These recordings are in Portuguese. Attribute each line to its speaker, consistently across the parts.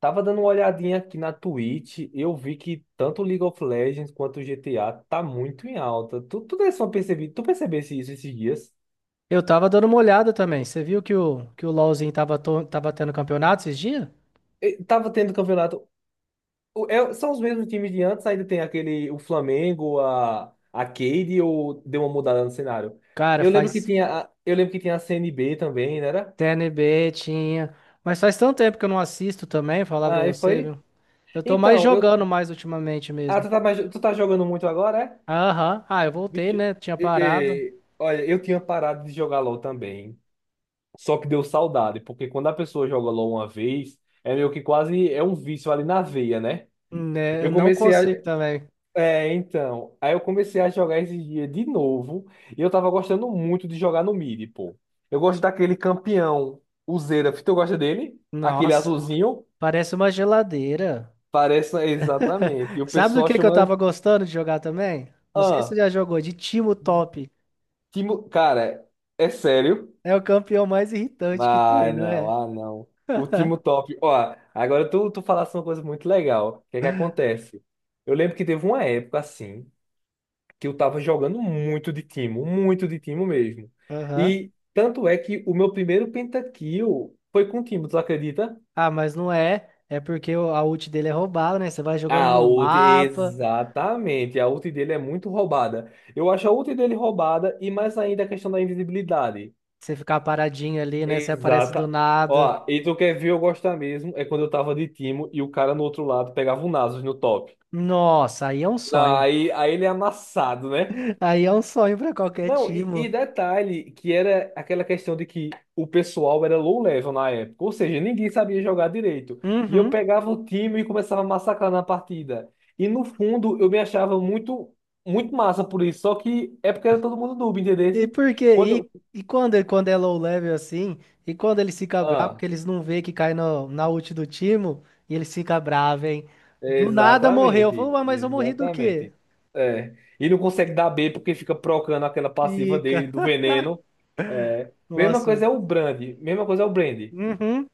Speaker 1: Tava dando uma olhadinha aqui na Twitch, eu vi que tanto League of Legends quanto o GTA tá muito em alta. Tu, tu desse uma percebi, tu percebesse isso esses dias?
Speaker 2: Eu tava dando uma olhada também. Você viu que o LoLzinho tava, tava tendo campeonato esses dias?
Speaker 1: E tava tendo campeonato. São os mesmos times de antes, ainda tem aquele, o Flamengo, a Cade, ou deu uma mudada no cenário?
Speaker 2: Cara, faz
Speaker 1: Eu lembro que tinha a CNB também, não era?
Speaker 2: TNB, tinha. Mas faz tanto tempo que eu não assisto também, falar pra
Speaker 1: Aí
Speaker 2: você,
Speaker 1: foi.
Speaker 2: viu? Eu tô mais
Speaker 1: Então, eu,
Speaker 2: jogando mais ultimamente
Speaker 1: ah,
Speaker 2: mesmo.
Speaker 1: tu tá, mais- tu tá jogando muito agora, é?
Speaker 2: Aham. Ah, eu voltei,
Speaker 1: Bicho,
Speaker 2: né? Tinha parado.
Speaker 1: olha, eu tinha parado de jogar LoL também. Só que deu saudade, porque quando a pessoa joga LOL uma vez, é meio que quase é um vício ali na veia, né?
Speaker 2: Né? Eu
Speaker 1: Eu
Speaker 2: não
Speaker 1: comecei a.
Speaker 2: consigo também.
Speaker 1: É, então. Aí eu comecei a jogar esses dias de novo. E eu tava gostando muito de jogar no mid, pô. Eu gosto daquele campeão, o Xerath. Tu gosta dele? Aquele
Speaker 2: Nossa,
Speaker 1: azulzinho?
Speaker 2: parece uma geladeira.
Speaker 1: Parece exatamente. E o
Speaker 2: Sabe do
Speaker 1: pessoal
Speaker 2: que eu
Speaker 1: chama.
Speaker 2: tava gostando de jogar também? Não sei se você
Speaker 1: Ah,
Speaker 2: já jogou, de Timo Top.
Speaker 1: Timo... Cara, é sério.
Speaker 2: É o campeão mais irritante que tem,
Speaker 1: Ah,
Speaker 2: não
Speaker 1: não,
Speaker 2: é?
Speaker 1: ah, não. O time top. Ó, agora tu falaste uma coisa muito legal. O que é que acontece? Eu lembro que teve uma época assim que eu tava jogando muito de timo mesmo.
Speaker 2: Aham.
Speaker 1: E tanto é que o meu primeiro pentakill foi com o timo, tu acredita?
Speaker 2: Ah, mas não é. É porque a ult dele é roubada, né? Você vai jogando
Speaker 1: A
Speaker 2: no
Speaker 1: ult,
Speaker 2: mapa,
Speaker 1: exatamente. A ult dele é muito roubada. Eu acho a ult dele roubada e mais ainda a questão da invisibilidade.
Speaker 2: você ficar paradinho ali, né? Você aparece do
Speaker 1: Exata.
Speaker 2: nada.
Speaker 1: Ó, e tu quer ver eu gostar mesmo? É quando eu tava de Timo e o cara no outro lado pegava o Nasus no top.
Speaker 2: Nossa, aí é um
Speaker 1: Não,
Speaker 2: sonho.
Speaker 1: aí ele é amassado, né?
Speaker 2: Aí é um sonho pra qualquer
Speaker 1: Não,
Speaker 2: time.
Speaker 1: e detalhe que era aquela questão de que o pessoal era low level na época, ou seja, ninguém sabia jogar direito. E eu
Speaker 2: Uhum.
Speaker 1: pegava o time e começava a massacrar na partida. E no fundo eu me achava muito, muito massa por isso, só que é porque era todo mundo noob, entendeu?
Speaker 2: E por
Speaker 1: Quando,
Speaker 2: quê? E quando, quando é low level assim, e quando eles ficam bravos,
Speaker 1: ah.
Speaker 2: porque eles não vê que cai no, na ult do time, e eles ficam bravos, hein? Do nada morreu. Falou,
Speaker 1: Exatamente,
Speaker 2: "Ué, mas eu morri do quê?
Speaker 1: exatamente. É. E não consegue dar B porque fica procando aquela passiva dele
Speaker 2: Fica.
Speaker 1: do veneno. É. Mesma
Speaker 2: Nossa.
Speaker 1: coisa é o Brand, mesma coisa é o Brand.
Speaker 2: Uhum.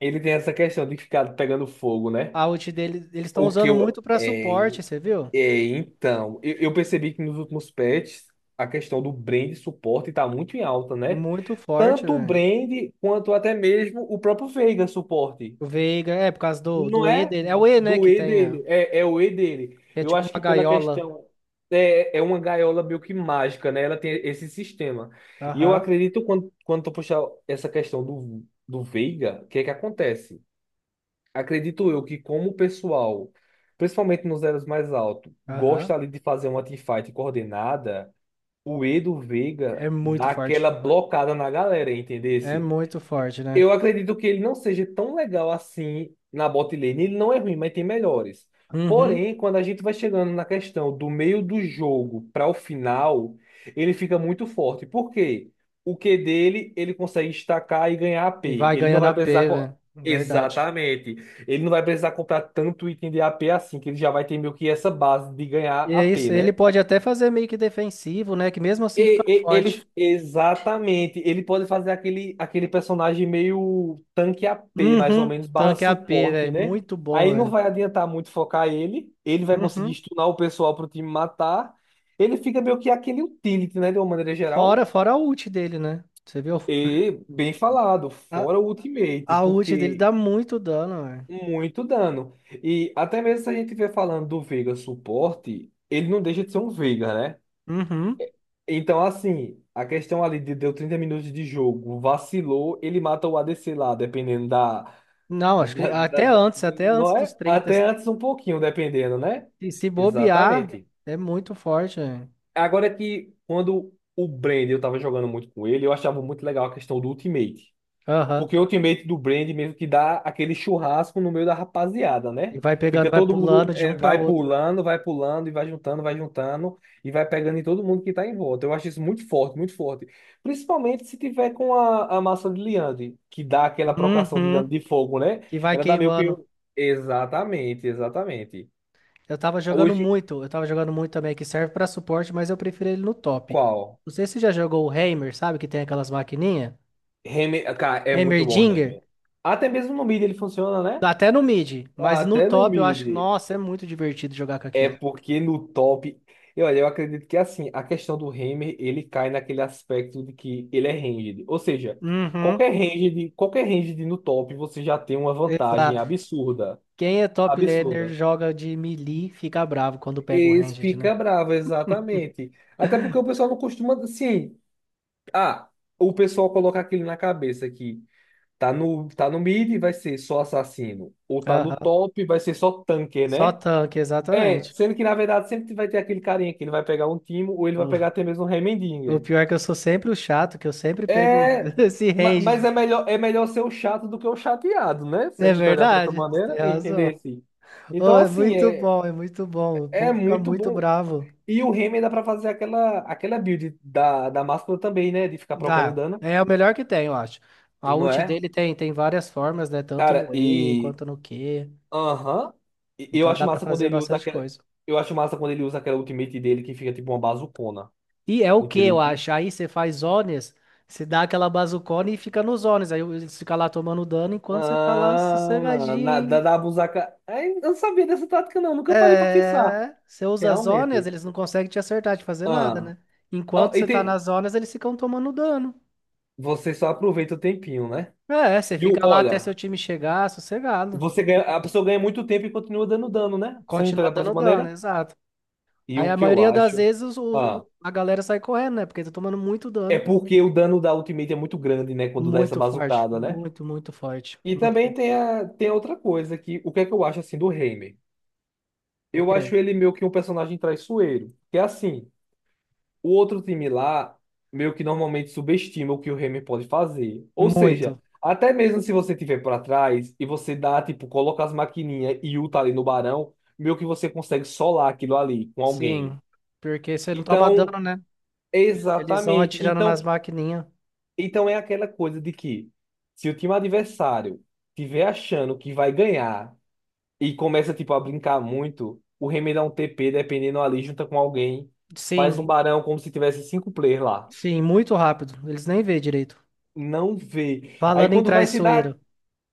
Speaker 1: Ele tem essa questão de ficar pegando fogo, né?
Speaker 2: A ult dele, eles estão
Speaker 1: O que
Speaker 2: usando
Speaker 1: eu.
Speaker 2: muito pra
Speaker 1: É,
Speaker 2: suporte, você viu?
Speaker 1: é, então, eu percebi que nos últimos patches a questão do Brand suporte está muito em alta, né?
Speaker 2: Muito forte,
Speaker 1: Tanto o
Speaker 2: velho.
Speaker 1: Brand quanto até mesmo o próprio Veiga suporte.
Speaker 2: O Veiga, é, por causa do,
Speaker 1: Não
Speaker 2: do E
Speaker 1: é
Speaker 2: dele. É o E, né,
Speaker 1: do
Speaker 2: que
Speaker 1: E
Speaker 2: tem a
Speaker 1: dele, é o E dele.
Speaker 2: que é
Speaker 1: Eu
Speaker 2: tipo
Speaker 1: acho
Speaker 2: uma
Speaker 1: que pela
Speaker 2: gaiola.
Speaker 1: questão. É, é uma gaiola meio que mágica, né? Ela tem esse sistema. E eu
Speaker 2: Aham,
Speaker 1: acredito, quando tu puxar essa questão do Veiga, o que é que acontece? Acredito eu que, como o pessoal, principalmente nos elos mais altos,
Speaker 2: aham.
Speaker 1: gosta ali de fazer uma teamfight coordenada, o E do Veiga
Speaker 2: É muito
Speaker 1: dá
Speaker 2: forte.
Speaker 1: aquela blocada na galera, entendeu?
Speaker 2: É muito forte, né?
Speaker 1: Eu acredito que ele não seja tão legal assim na bot lane. Ele não é ruim, mas tem melhores.
Speaker 2: Uhum.
Speaker 1: Porém, quando a gente vai chegando na questão do meio do jogo para o final, ele fica muito forte. Por quê? O Q dele, ele consegue estacar e ganhar a
Speaker 2: E
Speaker 1: p.
Speaker 2: vai
Speaker 1: Ele não
Speaker 2: ganhando
Speaker 1: vai
Speaker 2: a P
Speaker 1: precisar. Co-
Speaker 2: velho. Verdade.
Speaker 1: Exatamente. Ele não vai precisar comprar tanto item de a p assim, que ele já vai ter meio que essa base de ganhar
Speaker 2: E
Speaker 1: a
Speaker 2: é
Speaker 1: p,
Speaker 2: isso, ele
Speaker 1: né?
Speaker 2: pode até fazer meio que defensivo, né, que mesmo assim fica forte.
Speaker 1: Ele, exatamente, ele pode fazer aquele, aquele personagem meio tanque AP, mais ou
Speaker 2: Uhum.
Speaker 1: menos, barra
Speaker 2: Tanque A P
Speaker 1: suporte,
Speaker 2: velho.
Speaker 1: né?
Speaker 2: Muito bom,
Speaker 1: Aí não
Speaker 2: velho.
Speaker 1: vai adiantar muito focar ele, ele vai conseguir
Speaker 2: Uhum.
Speaker 1: stunar o pessoal pro time matar. Ele fica meio que aquele utility, né, de uma maneira
Speaker 2: Fora,
Speaker 1: geral.
Speaker 2: fora a ult dele, né? Você viu?
Speaker 1: E, bem falado,
Speaker 2: A,
Speaker 1: fora o ultimate,
Speaker 2: a ult dele
Speaker 1: porque
Speaker 2: dá muito dano, velho.
Speaker 1: muito dano. E até mesmo se a gente estiver falando do Veiga suporte, ele não deixa de ser um Veiga, né?
Speaker 2: Uhum.
Speaker 1: Então, assim, a questão ali de deu 30 minutos de jogo, vacilou, ele mata o ADC lá, dependendo da,
Speaker 2: Não, acho que
Speaker 1: da- da- da-
Speaker 2: até antes
Speaker 1: não
Speaker 2: dos
Speaker 1: é?
Speaker 2: 30.
Speaker 1: Até antes um pouquinho, dependendo, né?
Speaker 2: Se, se bobear,
Speaker 1: Exatamente.
Speaker 2: é muito forte, né?
Speaker 1: Agora é que quando o Brand, eu tava jogando muito com ele, eu achava muito legal a questão do ultimate. Porque
Speaker 2: Aham.
Speaker 1: o ultimate do Brand mesmo que dá aquele churrasco no meio da rapaziada,
Speaker 2: E
Speaker 1: né?
Speaker 2: vai pegando,
Speaker 1: Fica
Speaker 2: vai
Speaker 1: todo mundo
Speaker 2: pulando de um
Speaker 1: é,
Speaker 2: para outro.
Speaker 1: vai pulando e vai juntando e vai pegando em todo mundo que tá em volta. Eu acho isso muito forte, muito forte. Principalmente se tiver com a massa de liande, que dá aquela procação de
Speaker 2: Uhum.
Speaker 1: dano de fogo, né?
Speaker 2: Que vai
Speaker 1: Ela dá meio que.
Speaker 2: queimando.
Speaker 1: Um Exatamente, exatamente.
Speaker 2: Eu tava jogando
Speaker 1: Hoje,
Speaker 2: muito, eu tava jogando muito também, que serve pra suporte, mas eu prefiro ele no top.
Speaker 1: qual?
Speaker 2: Não sei se você já jogou o Heimer, sabe? Que tem aquelas maquininhas.
Speaker 1: Reme... Cara, é muito bom, o
Speaker 2: Heimerdinger.
Speaker 1: Reme. Até mesmo no mid ele funciona, né?
Speaker 2: Até no mid, mas no
Speaker 1: Até no
Speaker 2: top eu acho,
Speaker 1: mid.
Speaker 2: nossa, é muito divertido jogar com
Speaker 1: É
Speaker 2: aquilo.
Speaker 1: porque no top. Eu, olha, eu acredito que assim, a questão do Hammer, ele cai naquele aspecto de que ele é ranged. Ou seja,
Speaker 2: Uhum.
Speaker 1: qualquer ranged no top, você já tem uma vantagem
Speaker 2: Exato.
Speaker 1: absurda.
Speaker 2: Quem é top laner
Speaker 1: Absurda.
Speaker 2: joga de melee, fica bravo quando pega o
Speaker 1: Eles
Speaker 2: ranged, né?
Speaker 1: fica bravo, exatamente. Até porque o pessoal não costuma. Sim. Ah, o pessoal coloca aquilo na cabeça que tá no, tá no mid, vai ser só assassino. Ou tá no
Speaker 2: Aham.
Speaker 1: top, vai ser só tanque,
Speaker 2: Só
Speaker 1: né?
Speaker 2: tanque,
Speaker 1: É,
Speaker 2: exatamente.
Speaker 1: sendo que na verdade sempre vai ter aquele carinha que ele vai pegar um Timo ou ele vai
Speaker 2: O,
Speaker 1: pegar até mesmo um
Speaker 2: o
Speaker 1: Heimendinger.
Speaker 2: pior é que eu sou sempre o chato, que eu sempre pego
Speaker 1: É,
Speaker 2: esse
Speaker 1: mas
Speaker 2: ranged.
Speaker 1: é melhor ser o chato do que o chateado, né? Se
Speaker 2: É
Speaker 1: a gente olhar para essa
Speaker 2: verdade, você tem
Speaker 1: maneira e entender
Speaker 2: razão.
Speaker 1: assim.
Speaker 2: Ô,
Speaker 1: Então,
Speaker 2: é
Speaker 1: assim,
Speaker 2: muito
Speaker 1: é,
Speaker 2: bom, é muito bom. O
Speaker 1: é
Speaker 2: povo fica
Speaker 1: muito
Speaker 2: muito
Speaker 1: bom.
Speaker 2: bravo.
Speaker 1: E o Heimer dá pra fazer aquela, aquela build da, da máscara também, né? De ficar trocando
Speaker 2: Dá.
Speaker 1: dano,
Speaker 2: É o melhor que tem, eu acho. A
Speaker 1: não
Speaker 2: ult
Speaker 1: é?
Speaker 2: dele tem, tem várias formas, né? Tanto
Speaker 1: Cara,
Speaker 2: no E
Speaker 1: e.
Speaker 2: quanto no Q.
Speaker 1: Aham. E
Speaker 2: Então dá pra fazer bastante coisa.
Speaker 1: eu acho massa quando ele usa aquela ultimate dele que fica tipo uma bazucona.
Speaker 2: E é o que eu
Speaker 1: Entendeu?
Speaker 2: acho. Aí você faz zones, você dá aquela bazucona e fica nos zones. Aí eles ficam lá tomando dano enquanto você tá lá
Speaker 1: Ah, da,
Speaker 2: sossegadinho.
Speaker 1: da busaca. Ai, eu não sabia dessa tática, não. Nunca parei pra pensar.
Speaker 2: É. Você usa as zonas,
Speaker 1: Realmente.
Speaker 2: eles não conseguem te acertar, te fazer nada,
Speaker 1: Ah.
Speaker 2: né?
Speaker 1: Ó,
Speaker 2: Enquanto
Speaker 1: e
Speaker 2: você tá
Speaker 1: tem.
Speaker 2: nas zonas eles ficam tomando dano.
Speaker 1: Você só aproveita o tempinho, né?
Speaker 2: É, você
Speaker 1: E o,
Speaker 2: fica lá até seu
Speaker 1: olha,
Speaker 2: time chegar, sossegado.
Speaker 1: você ganha, a pessoa ganha muito tempo e continua dando dano, né? Se a gente
Speaker 2: Continua
Speaker 1: olhar pra essa
Speaker 2: dando dano,
Speaker 1: maneira.
Speaker 2: exato.
Speaker 1: E
Speaker 2: Aí
Speaker 1: o
Speaker 2: a
Speaker 1: que eu
Speaker 2: maioria das
Speaker 1: acho.
Speaker 2: vezes
Speaker 1: Ah,
Speaker 2: a galera sai correndo, né? Porque tá tomando muito
Speaker 1: é
Speaker 2: dano.
Speaker 1: porque o dano da ultimate é muito grande, né? Quando dá essa
Speaker 2: Muito forte.
Speaker 1: bazucada, né?
Speaker 2: Muito, muito forte.
Speaker 1: E
Speaker 2: Hum.
Speaker 1: também tem a outra coisa que o que é que eu acho assim do Heimer?
Speaker 2: O
Speaker 1: Eu
Speaker 2: quê?
Speaker 1: acho ele meio que um personagem traiçoeiro. Que é assim. O outro time lá meio que normalmente subestima o que o Remy pode fazer. Ou seja,
Speaker 2: Muito.
Speaker 1: até mesmo se você tiver para trás e você dá, tipo, coloca as maquininhas e ulta ali no Barão, meio que você consegue solar aquilo ali com alguém.
Speaker 2: Sim, porque você não toma
Speaker 1: Então,
Speaker 2: dano, né? Eles vão
Speaker 1: exatamente.
Speaker 2: atirando
Speaker 1: Então,
Speaker 2: nas maquininhas.
Speaker 1: é aquela coisa de que se o time adversário tiver achando que vai ganhar e começa, tipo, a brincar muito, o Remy dá um TP dependendo ali, junta com alguém, faz um
Speaker 2: Sim,
Speaker 1: Barão como se tivesse cinco players lá.
Speaker 2: sim, muito rápido. Eles nem vê direito.
Speaker 1: Não vê. Aí
Speaker 2: Falando em
Speaker 1: quando vai se dar.
Speaker 2: traiçoeiro.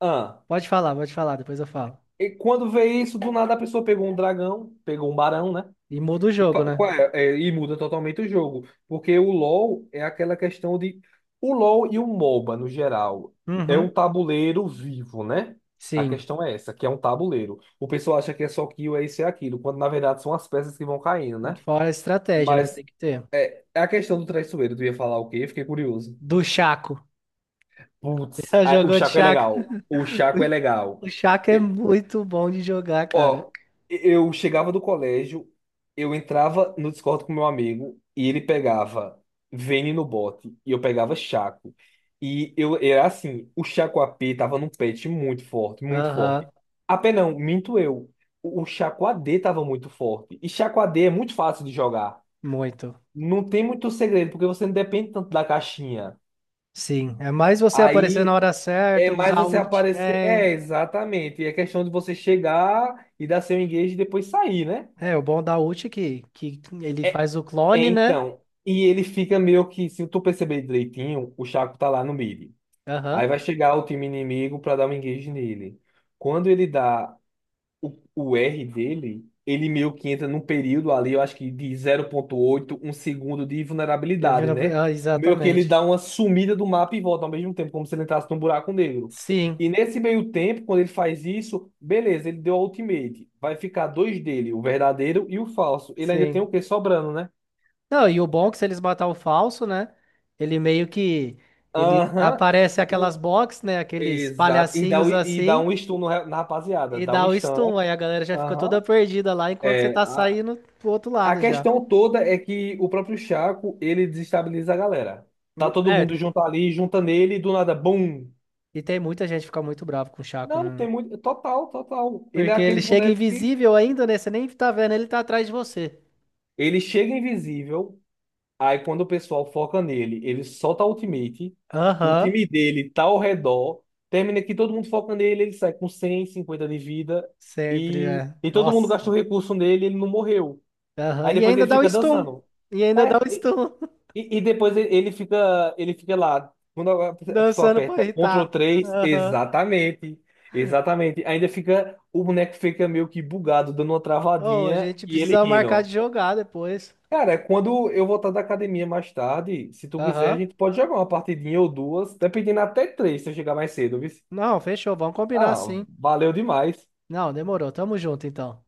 Speaker 1: Ah,
Speaker 2: Pode falar, depois eu falo.
Speaker 1: e quando vê isso, do nada a pessoa pegou um dragão, pegou um barão, né?
Speaker 2: E muda o
Speaker 1: E,
Speaker 2: jogo,
Speaker 1: fa-
Speaker 2: né?
Speaker 1: qual é? É, e muda totalmente o jogo. Porque o LoL é aquela questão de. O LoL e o MOBA, no geral, é um
Speaker 2: Uhum.
Speaker 1: tabuleiro vivo, né? A
Speaker 2: Sim.
Speaker 1: questão é essa, que é um tabuleiro. O pessoal acha que é só kill, é isso e é aquilo, quando na verdade são as peças que vão caindo, né?
Speaker 2: Fora a estratégia, né?
Speaker 1: Mas
Speaker 2: Tem que ter.
Speaker 1: é a questão do traiçoeiro. Tu ia falar o quê? Fiquei curioso.
Speaker 2: Do Chaco.
Speaker 1: Putz,
Speaker 2: Já
Speaker 1: ah, o
Speaker 2: jogou de
Speaker 1: Chaco é
Speaker 2: Chaco?
Speaker 1: legal. O Chaco é legal.
Speaker 2: O Chaco é muito bom de jogar, cara.
Speaker 1: Ó, eu chegava do colégio, eu entrava no Discord com meu amigo e ele pegava Vayne no bote e eu pegava Chaco. E eu era assim, o Chaco a p tava num patch muito forte, muito
Speaker 2: Aham,
Speaker 1: forte. AP não, minto eu. O Chaco A d tava muito forte. E Chaco a d é muito fácil de jogar.
Speaker 2: muito.
Speaker 1: Não tem muito segredo, porque você não depende tanto da caixinha.
Speaker 2: Sim. É mais você aparecer na
Speaker 1: Aí
Speaker 2: hora
Speaker 1: é
Speaker 2: certa,
Speaker 1: mais
Speaker 2: usar o
Speaker 1: você
Speaker 2: ult
Speaker 1: aparecer. É,
Speaker 2: bem.
Speaker 1: exatamente. E é questão de você chegar e dar seu engage e depois sair, né?
Speaker 2: É, o bom da ult é que ele faz o
Speaker 1: É,
Speaker 2: clone, né?
Speaker 1: então, e ele fica meio que, se tu perceber direitinho, o Chaco tá lá no mid. Aí
Speaker 2: Aham.
Speaker 1: vai chegar o time inimigo pra dar um engage nele. Quando ele dá o R dele, ele meio que entra num período ali, eu acho que de 0,81 segundo de
Speaker 2: Ele
Speaker 1: vulnerabilidade,
Speaker 2: vira.
Speaker 1: né?
Speaker 2: Ah,
Speaker 1: Meio que ele
Speaker 2: exatamente.
Speaker 1: dá uma sumida do mapa e volta ao mesmo tempo, como se ele entrasse num buraco negro.
Speaker 2: Sim,
Speaker 1: E nesse meio tempo, quando ele faz isso, beleza, ele deu a ultimate. Vai ficar dois dele, o verdadeiro e o falso. Ele ainda tem o
Speaker 2: sim.
Speaker 1: quê sobrando, né?
Speaker 2: Não, e o bom é que se eles matar o falso, né? Ele meio que. Ele
Speaker 1: Aham.
Speaker 2: aparece aquelas
Speaker 1: O-
Speaker 2: box, né? Aqueles
Speaker 1: exato. E dá, o-
Speaker 2: palhacinhos
Speaker 1: e dá
Speaker 2: assim.
Speaker 1: um stun no ra- na rapaziada.
Speaker 2: E
Speaker 1: Dá
Speaker 2: dá
Speaker 1: um
Speaker 2: o
Speaker 1: stun, né?
Speaker 2: stun. Aí a galera já fica toda
Speaker 1: Aham.
Speaker 2: perdida lá enquanto você
Speaker 1: É,
Speaker 2: tá
Speaker 1: a,
Speaker 2: saindo pro outro
Speaker 1: a
Speaker 2: lado já.
Speaker 1: questão toda é que o próprio Chaco, ele desestabiliza a galera. Tá todo
Speaker 2: É,
Speaker 1: mundo junto ali, junta nele, e do nada, bum!
Speaker 2: e tem muita gente que fica muito bravo com o Chaco,
Speaker 1: Não,
Speaker 2: né?
Speaker 1: tem muito. Total, total. Ele é
Speaker 2: Porque ele
Speaker 1: aquele
Speaker 2: chega
Speaker 1: boneco que
Speaker 2: invisível ainda, né? Você nem tá vendo, ele tá atrás de você.
Speaker 1: ele chega invisível. Aí quando o pessoal foca nele, ele solta a ultimate, o
Speaker 2: Aham.
Speaker 1: time dele tá ao redor, termina que todo mundo foca nele, ele sai com 150 de vida
Speaker 2: Sempre
Speaker 1: e,
Speaker 2: é.
Speaker 1: e todo mundo
Speaker 2: Nossa.
Speaker 1: gastou recurso nele, ele não morreu.
Speaker 2: Aham.
Speaker 1: Aí
Speaker 2: E
Speaker 1: depois
Speaker 2: ainda
Speaker 1: ele
Speaker 2: dá o
Speaker 1: fica
Speaker 2: stun.
Speaker 1: dançando.
Speaker 2: E ainda dá
Speaker 1: É,
Speaker 2: o
Speaker 1: e,
Speaker 2: stun.
Speaker 1: e e depois ele fica lá. Quando a pessoa
Speaker 2: Dançando pra
Speaker 1: aperta Ctrl
Speaker 2: irritar.
Speaker 1: três
Speaker 2: Aham.
Speaker 1: exatamente. Exatamente. Ainda fica, o boneco fica meio que bugado, dando uma
Speaker 2: Oh, a
Speaker 1: travadinha
Speaker 2: gente
Speaker 1: e ele
Speaker 2: precisa marcar de
Speaker 1: rindo.
Speaker 2: jogar depois.
Speaker 1: Cara, é quando eu voltar da academia mais tarde, se tu quiser, a
Speaker 2: Aham.
Speaker 1: gente pode jogar uma partidinha ou duas, dependendo até três, se eu chegar mais cedo, viu?
Speaker 2: Não, fechou. Vamos combinar
Speaker 1: Ah,
Speaker 2: sim.
Speaker 1: valeu demais.
Speaker 2: Não, demorou. Tamo junto então.